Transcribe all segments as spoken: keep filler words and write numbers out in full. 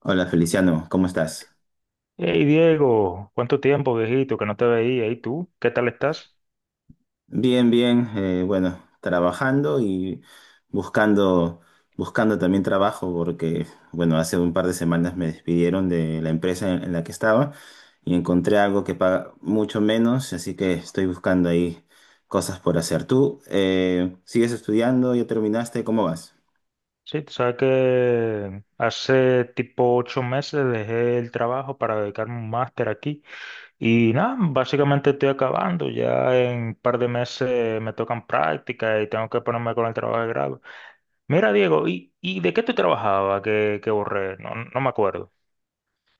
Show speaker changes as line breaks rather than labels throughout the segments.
Hola Feliciano, ¿cómo estás?
Hey Diego, ¿cuánto tiempo, viejito, que no te veía? ¿Y tú? ¿Qué tal estás?
Bien, bien, eh, bueno, trabajando y buscando, buscando también trabajo porque, bueno, hace un par de semanas me despidieron de la empresa en, en la que estaba y encontré algo que paga mucho menos, así que estoy buscando ahí cosas por hacer. ¿Tú eh, sigues estudiando? ¿Ya terminaste? ¿Cómo vas?
Sí, tú sabes que hace tipo ocho meses dejé el trabajo para dedicarme a un máster aquí y nada, básicamente estoy acabando. Ya en un par de meses me tocan prácticas y tengo que ponerme con el trabajo de grado. Mira, Diego, ¿y, y de qué tú trabajabas que, que borré? No, no me acuerdo.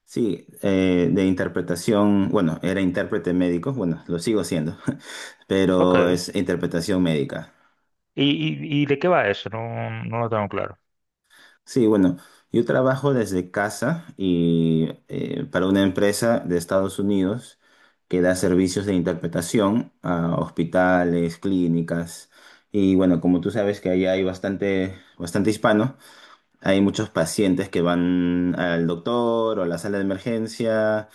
Sí, eh, de interpretación, bueno, era intérprete médico, bueno, lo sigo siendo,
Ok.
pero es interpretación médica.
¿Y, y, y de qué va eso? No, no lo tengo claro.
Sí, bueno, yo trabajo desde casa y eh, para una empresa de Estados Unidos que da servicios de interpretación a hospitales, clínicas y bueno, como tú sabes que allá hay bastante, bastante hispano, hay muchos pacientes que van al doctor o a la sala de emergencia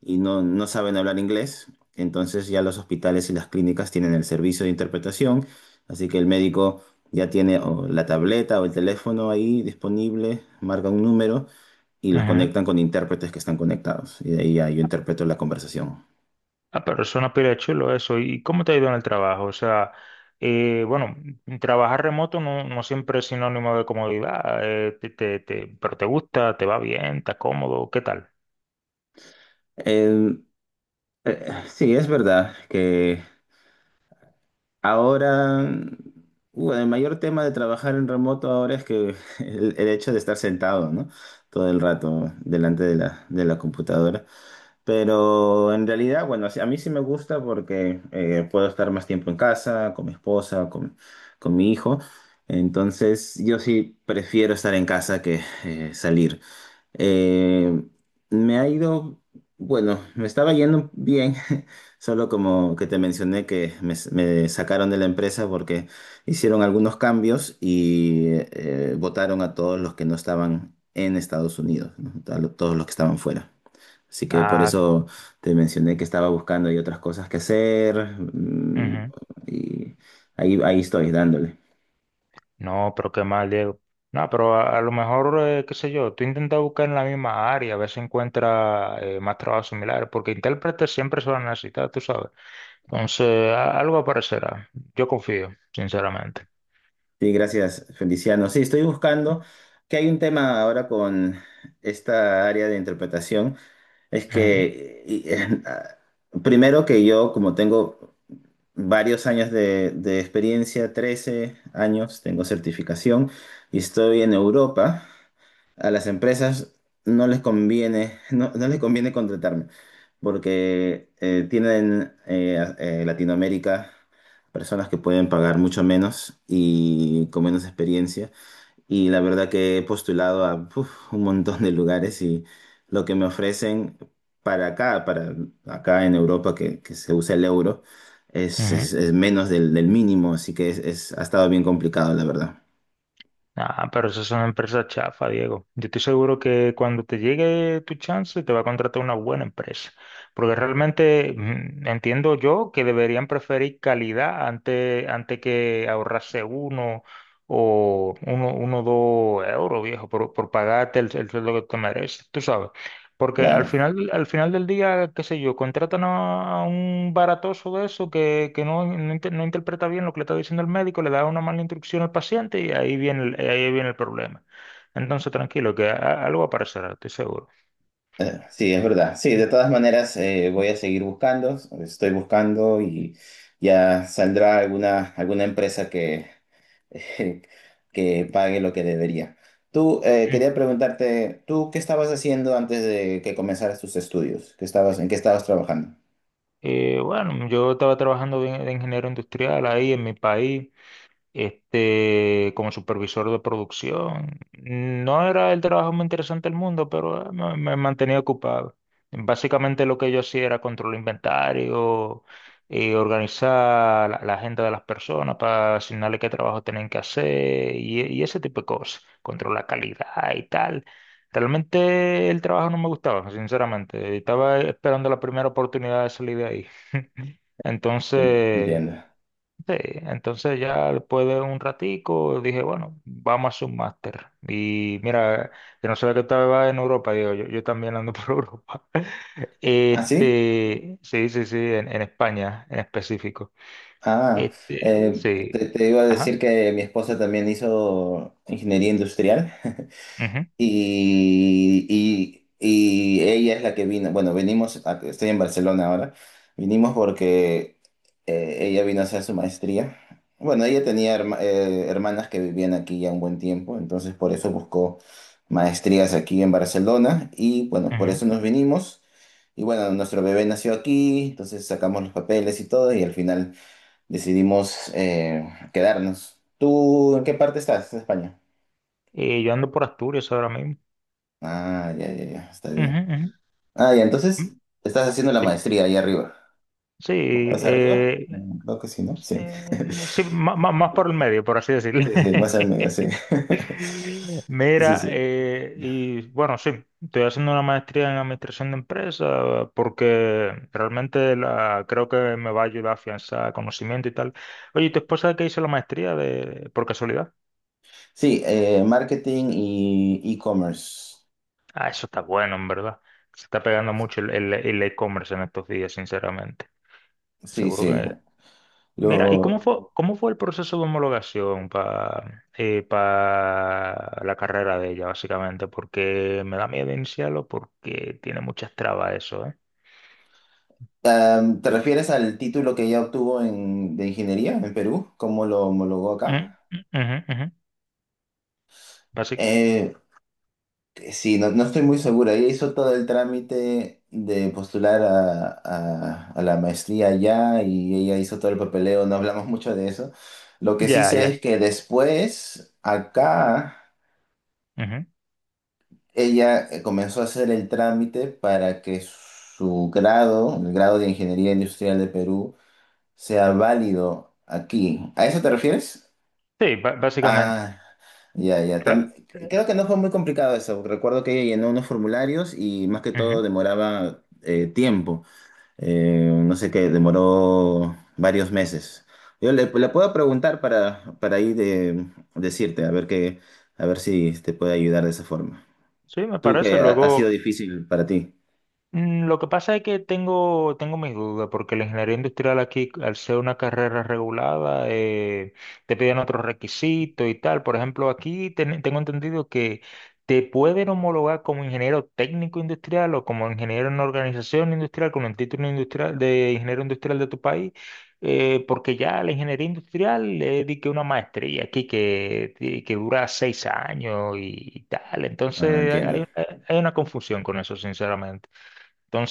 y no, no saben hablar inglés. Entonces ya los hospitales y las clínicas tienen el servicio de interpretación. Así que el médico ya tiene o la tableta o el teléfono ahí disponible, marca un número y los
Ujú.
conectan con intérpretes que están conectados. Y de ahí ya yo interpreto la conversación.
Ah, pero suena pila de chulo eso. ¿Y cómo te ha ido en el trabajo? O sea, eh, bueno, trabajar remoto no, no siempre es sinónimo de comodidad, eh, te, te- te- pero te gusta, te va bien, está cómodo, ¿qué tal?
Eh, eh, sí, es verdad que ahora, bueno, el mayor tema de trabajar en remoto ahora es que el, el hecho de estar sentado, ¿no? Todo el rato delante de la, de la computadora. Pero en realidad, bueno, sí- a mí sí me gusta porque eh, puedo estar más tiempo en casa, con mi esposa, con, con mi hijo. Entonces, yo sí prefiero estar en casa que eh, salir. Eh, me ha ido, bueno, me estaba yendo bien, solo como que te mencioné que me, me sacaron de la empresa porque hicieron algunos cambios y eh, votaron a todos los que no estaban en Estados Unidos, ¿no? A lo- todos los que estaban fuera. Así que por
Ah,
eso te mencioné que estaba buscando y otras cosas que hacer, mm,
ujú.
y ahí, ahí estoy dándole.
No, pero qué mal, Diego. No, pero a, a lo mejor, eh, qué sé yo, tú intentas buscar en la misma área, a ver si encuentras eh, más trabajos similares, porque intérpretes siempre se van a necesitar, tú sabes. Entonces, a- algo aparecerá. Yo confío, sinceramente.
Sí, gracias, Feliciano. Sí, estoy buscando que hay un tema ahora con esta área de interpretación. Es
Ujú,
que, y- primero que yo, como tengo varios años de, de experiencia, trece años, tengo certificación y estoy en Europa. A las empresas no les conviene, no, no les conviene contratarme porque eh, tienen eh, a- eh, Latinoamérica personas que pueden pagar mucho menos y con menos experiencia. Y la verdad que he postulado a puf, un montón de lugares y lo que me ofrecen para acá, para acá en Europa que, que se usa el euro, es,
ujú.
es- es menos del, del mínimo, así que es, es- ha estado bien complicado, la verdad.
Ah, pero eso es una empresa chafa, Diego. Yo estoy seguro que cuando te llegue tu chance te va a contratar una buena empresa. Porque realmente mm, entiendo yo que deberían preferir calidad antes, antes que ahorrarse uno o uno, uno o dos euros, viejo, por, por pagarte el, el sueldo que te mereces. Tú sabes. Porque al
Claro.
final, al final del día, qué sé yo, contratan a a un baratoso de eso que, que no, no, inter- no interpreta bien lo que le está diciendo el médico, le da una mala instrucción al paciente y ahí viene el, ahí viene el problema. Entonces, tranquilo, que a- algo aparecerá, estoy seguro.
Eh, sí, es verdad. Sí, de todas maneras eh, voy a seguir buscando, estoy buscando y ya saldrá alguna, alguna empresa que, que pague lo que debería. Tú, eh,
Mm.
quería preguntarte, ¿tú qué estabas haciendo antes de que comenzaras tus estudios? ¿Qué estabas, en qué estabas trabajando?
Eh, bueno, yo estaba trabajando de, de ingeniero industrial ahí en mi país. Este, como supervisor de producción. No era el trabajo más interesante del mundo, pero eh, me, me mantenía ocupado. Básicamente lo que yo hacía era controlar inventario, eh, organizar la, la agenda de las personas para asignarle qué trabajo tenían que hacer y, y ese tipo de cosas, controlar la calidad y tal. Realmente el trabajo no me gustaba, sinceramente. Estaba esperando la primera oportunidad de salir de ahí.
En-
Entonces…
Entiendo.
Sí, entonces ya después de un ratico dije, bueno, vamos a hacer un máster. Y mira, que no sabía que estaba en Europa, digo, yo, yo también ando por Europa.
¿Ah, sí?
Este, sí, sí, sí, en, en España en específico.
Ah,
Este,
eh,
sí.
te, te iba a decir
Ajá.
que mi esposa también hizo ingeniería industrial.
Ujú,
y, y- y ella es la que vino, bueno, venimos, a- estoy en Barcelona ahora, vinimos porque eh, ella vino a hacer su maestría. Bueno, ella tenía herma- eh, hermanas que vivían aquí ya un buen tiempo, entonces por eso buscó maestrías aquí en Barcelona y bueno, por
ujú.
eso nos vinimos. Y bueno, nuestro bebé nació aquí, entonces sacamos los papeles y todo y al final decidimos eh, quedarnos. ¿Tú en qué parte estás de España?
Y yo ando por Asturias ahora mismo.
Ah, ya, ya, ya, está
Ujú,
bien.
ujú,
Ah, ya, entonces
ujú.
estás haciendo la
Sí,
maestría ahí arriba.
sí.
¿Más arriba?
eh,
Mm, creo que sí, ¿no? Sí.
Eh, sí, má- má- Más, por el medio, por así decirlo.
Sí, sí, más al medio, sí. Sí,
Mira,
sí.
eh, y bueno, sí, estoy haciendo una maestría en administración de empresas porque realmente la, creo que me va a ayudar a afianzar conocimiento y tal. Oye, ¿y tu esposa que hizo la maestría de, por casualidad?
Sí, eh, marketing y e-commerce.
Ah, eso está bueno, en verdad. Se está pegando mucho el el- el e-commerce en estos días, sinceramente.
Sí,
Seguro
sí.
que Mira, ¿y cómo
Lo,
fue, cómo fue el proceso de homologación para la carrera de ella, básicamente? Porque me da miedo iniciarlo porque tiene muchas trabas eso, ¿eh?
am, ¿te refieres al título que ella obtuvo en, de ingeniería en Perú? ¿Cómo lo homologó acá?
Mm, mm, ujú, ujú. Basi-
Eh, eh, Sí, no, no estoy muy segura. Ella hizo todo el trámite de postular a, a- a la maestría allá y ella hizo todo el papeleo. No hablamos mucho de eso. Lo que sí
ya,
sé
ya.
es que después, acá,
Ujú.
ella eh, comenzó a hacer el trámite para que su grado, el grado de Ingeniería Industrial de Perú, sea válido aquí. ¿A eso te refieres?
Sí, ba- básicamente.
Ah, ya, ya. Tam-
Ra- eh,
creo que no fue muy complicado eso. Recuerdo que ella llenó unos formularios y más que todo
ujú.
demoraba eh, tiempo. Eh, no sé qué, demoró varios meses. Yo le, le puedo preguntar para, para ahí de, decirte, a ver qué, a ver si te puede ayudar de esa forma.
Sí, me
Tú
parece.
que ha, ha sido
Luego,
difícil para ti.
Mm, lo que pasa es que tengo, tengo mis dudas, porque la ingeniería industrial aquí, al ser una carrera regulada, eh, te piden otros requisitos y tal. Por ejemplo, aquí ten- tengo entendido que te pueden homologar como ingeniero técnico industrial o como ingeniero en organización industrial, con el título industrial de ingeniero industrial de tu país, eh, porque ya la ingeniería industrial es di que una maestría aquí que, que que dura seis años y, tal.
Ah,
Entonces
entiendo.
hay hay- hay una confusión con eso, sinceramente.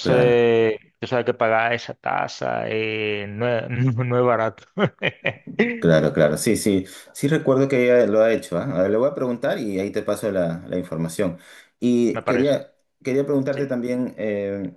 Claro.
tú sabes que pagar esa tasa eh, no es, no no es barato.
Claro, claro, sí, sí, sí recuerdo que ella lo ha hecho, ¿ah? A ver, le voy a preguntar y ahí te paso la, la información.
Me
Y
parece.
quería, quería
Sí,
preguntarte también, eh,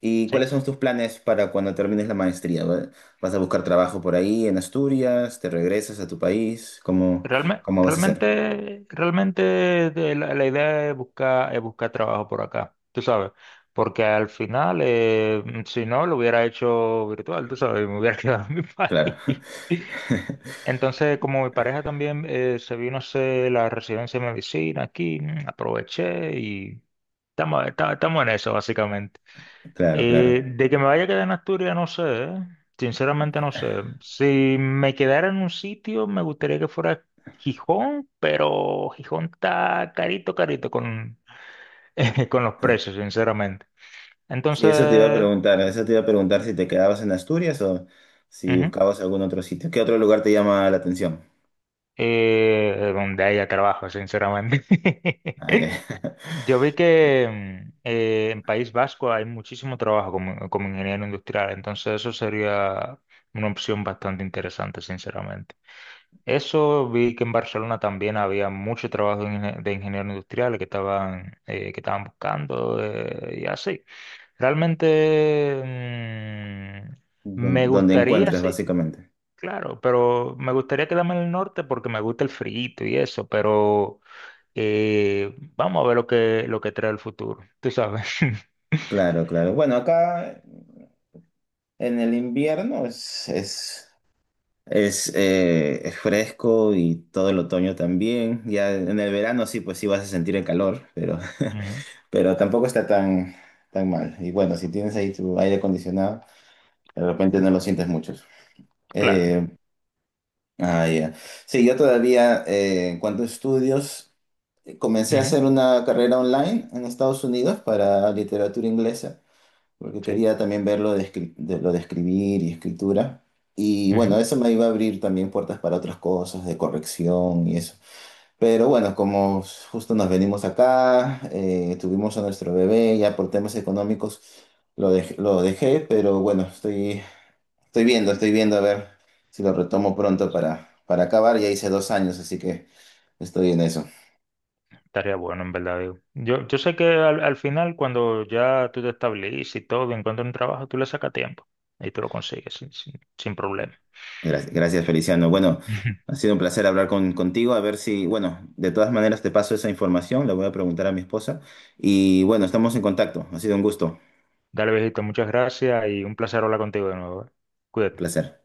¿y cuáles
sí.
son tus planes para cuando termines la maestría? ¿Va- ¿vas a buscar trabajo por ahí en Asturias? ¿Te regresas a tu país? ¿Cómo,
Realme-
cómo vas a hacer?
realmente, realmente de la, la idea es buscar, es buscar trabajo por acá, tú sabes. Porque al final, eh, si no, lo hubiera hecho virtual, tú sabes, me hubiera quedado en mi
Claro,
país. Entonces, como mi pareja también eh, se vino a hacer la residencia de medicina aquí, mm, aproveché y estamos, esta- estamos en eso, básicamente.
claro,
Eh,
claro.
de que me vaya a quedar en Asturias, no sé, ¿eh? Sinceramente no sé. Si me quedara en un sitio, me gustaría que fuera Gijón, pero Gijón está carito, carito con, con los precios, sinceramente.
Sí, eso te iba a
Entonces,
preguntar, eso te iba a preguntar si te quedabas en Asturias o si
ujú,
buscabas algún otro sitio. ¿Qué otro lugar te llama la atención?
eh, donde haya trabajo, sinceramente.
Ah, ya.
Yo vi que mm, eh, en País Vasco hay muchísimo trabajo como, como ingeniero industrial, entonces eso sería una opción bastante interesante, sinceramente. Eso vi que en Barcelona también había mucho trabajo de ingen- de ingenieros industriales que estaban, eh, que estaban buscando eh, y así. Realmente mm, me
Don- donde
gustaría,
encuentres,
sí,
básicamente.
claro, pero me gustaría quedarme en el norte porque me gusta el frío y eso, pero eh, vamos a ver lo que, lo que trae el futuro, tú sabes.
Claro, claro. Bueno, acá en el invierno es, es, es, eh, es fresco y todo el otoño también. Ya en el verano sí, pues sí vas a sentir el calor, pero,
Ujú,
pero tampoco está tan, tan mal. Y bueno, si tienes ahí tu aire acondicionado, de repente no lo sientes mucho.
claro,
Eh, ah, ya. Sí, yo todavía, eh, en cuanto a estudios, comencé a
ujú,
hacer una carrera online en Estados Unidos para literatura inglesa, porque
sí,
quería también ver lo de, escri- de- lo de escribir y escritura. Y
ujú.
bueno, eso me iba a abrir también puertas para otras cosas, de corrección y eso. Pero bueno, como justo nos venimos acá, eh, tuvimos a nuestro bebé, ya por temas económicos lo, dej- lo dejé, pero bueno, estoy, estoy viendo, estoy viendo a ver si lo retomo pronto para, para acabar. Ya hice dos años, así que estoy en eso.
Estaría bueno, en verdad, digo. Yo, yo sé que al, al final, cuando ya tú te estableces y todo, encuentras un trabajo, tú le sacas tiempo y tú lo consigues sin, sin, sin problema.
Gracias, gracias, Feliciano. Bueno, ha sido un placer hablar con, contigo. A ver si, bueno, de todas maneras te paso esa información, la voy a preguntar a mi esposa. Y bueno, estamos en contacto. Ha sido un gusto,
Dale, viejito, muchas gracias y un placer hablar contigo de nuevo, ¿eh?
un
Cuídate.
placer.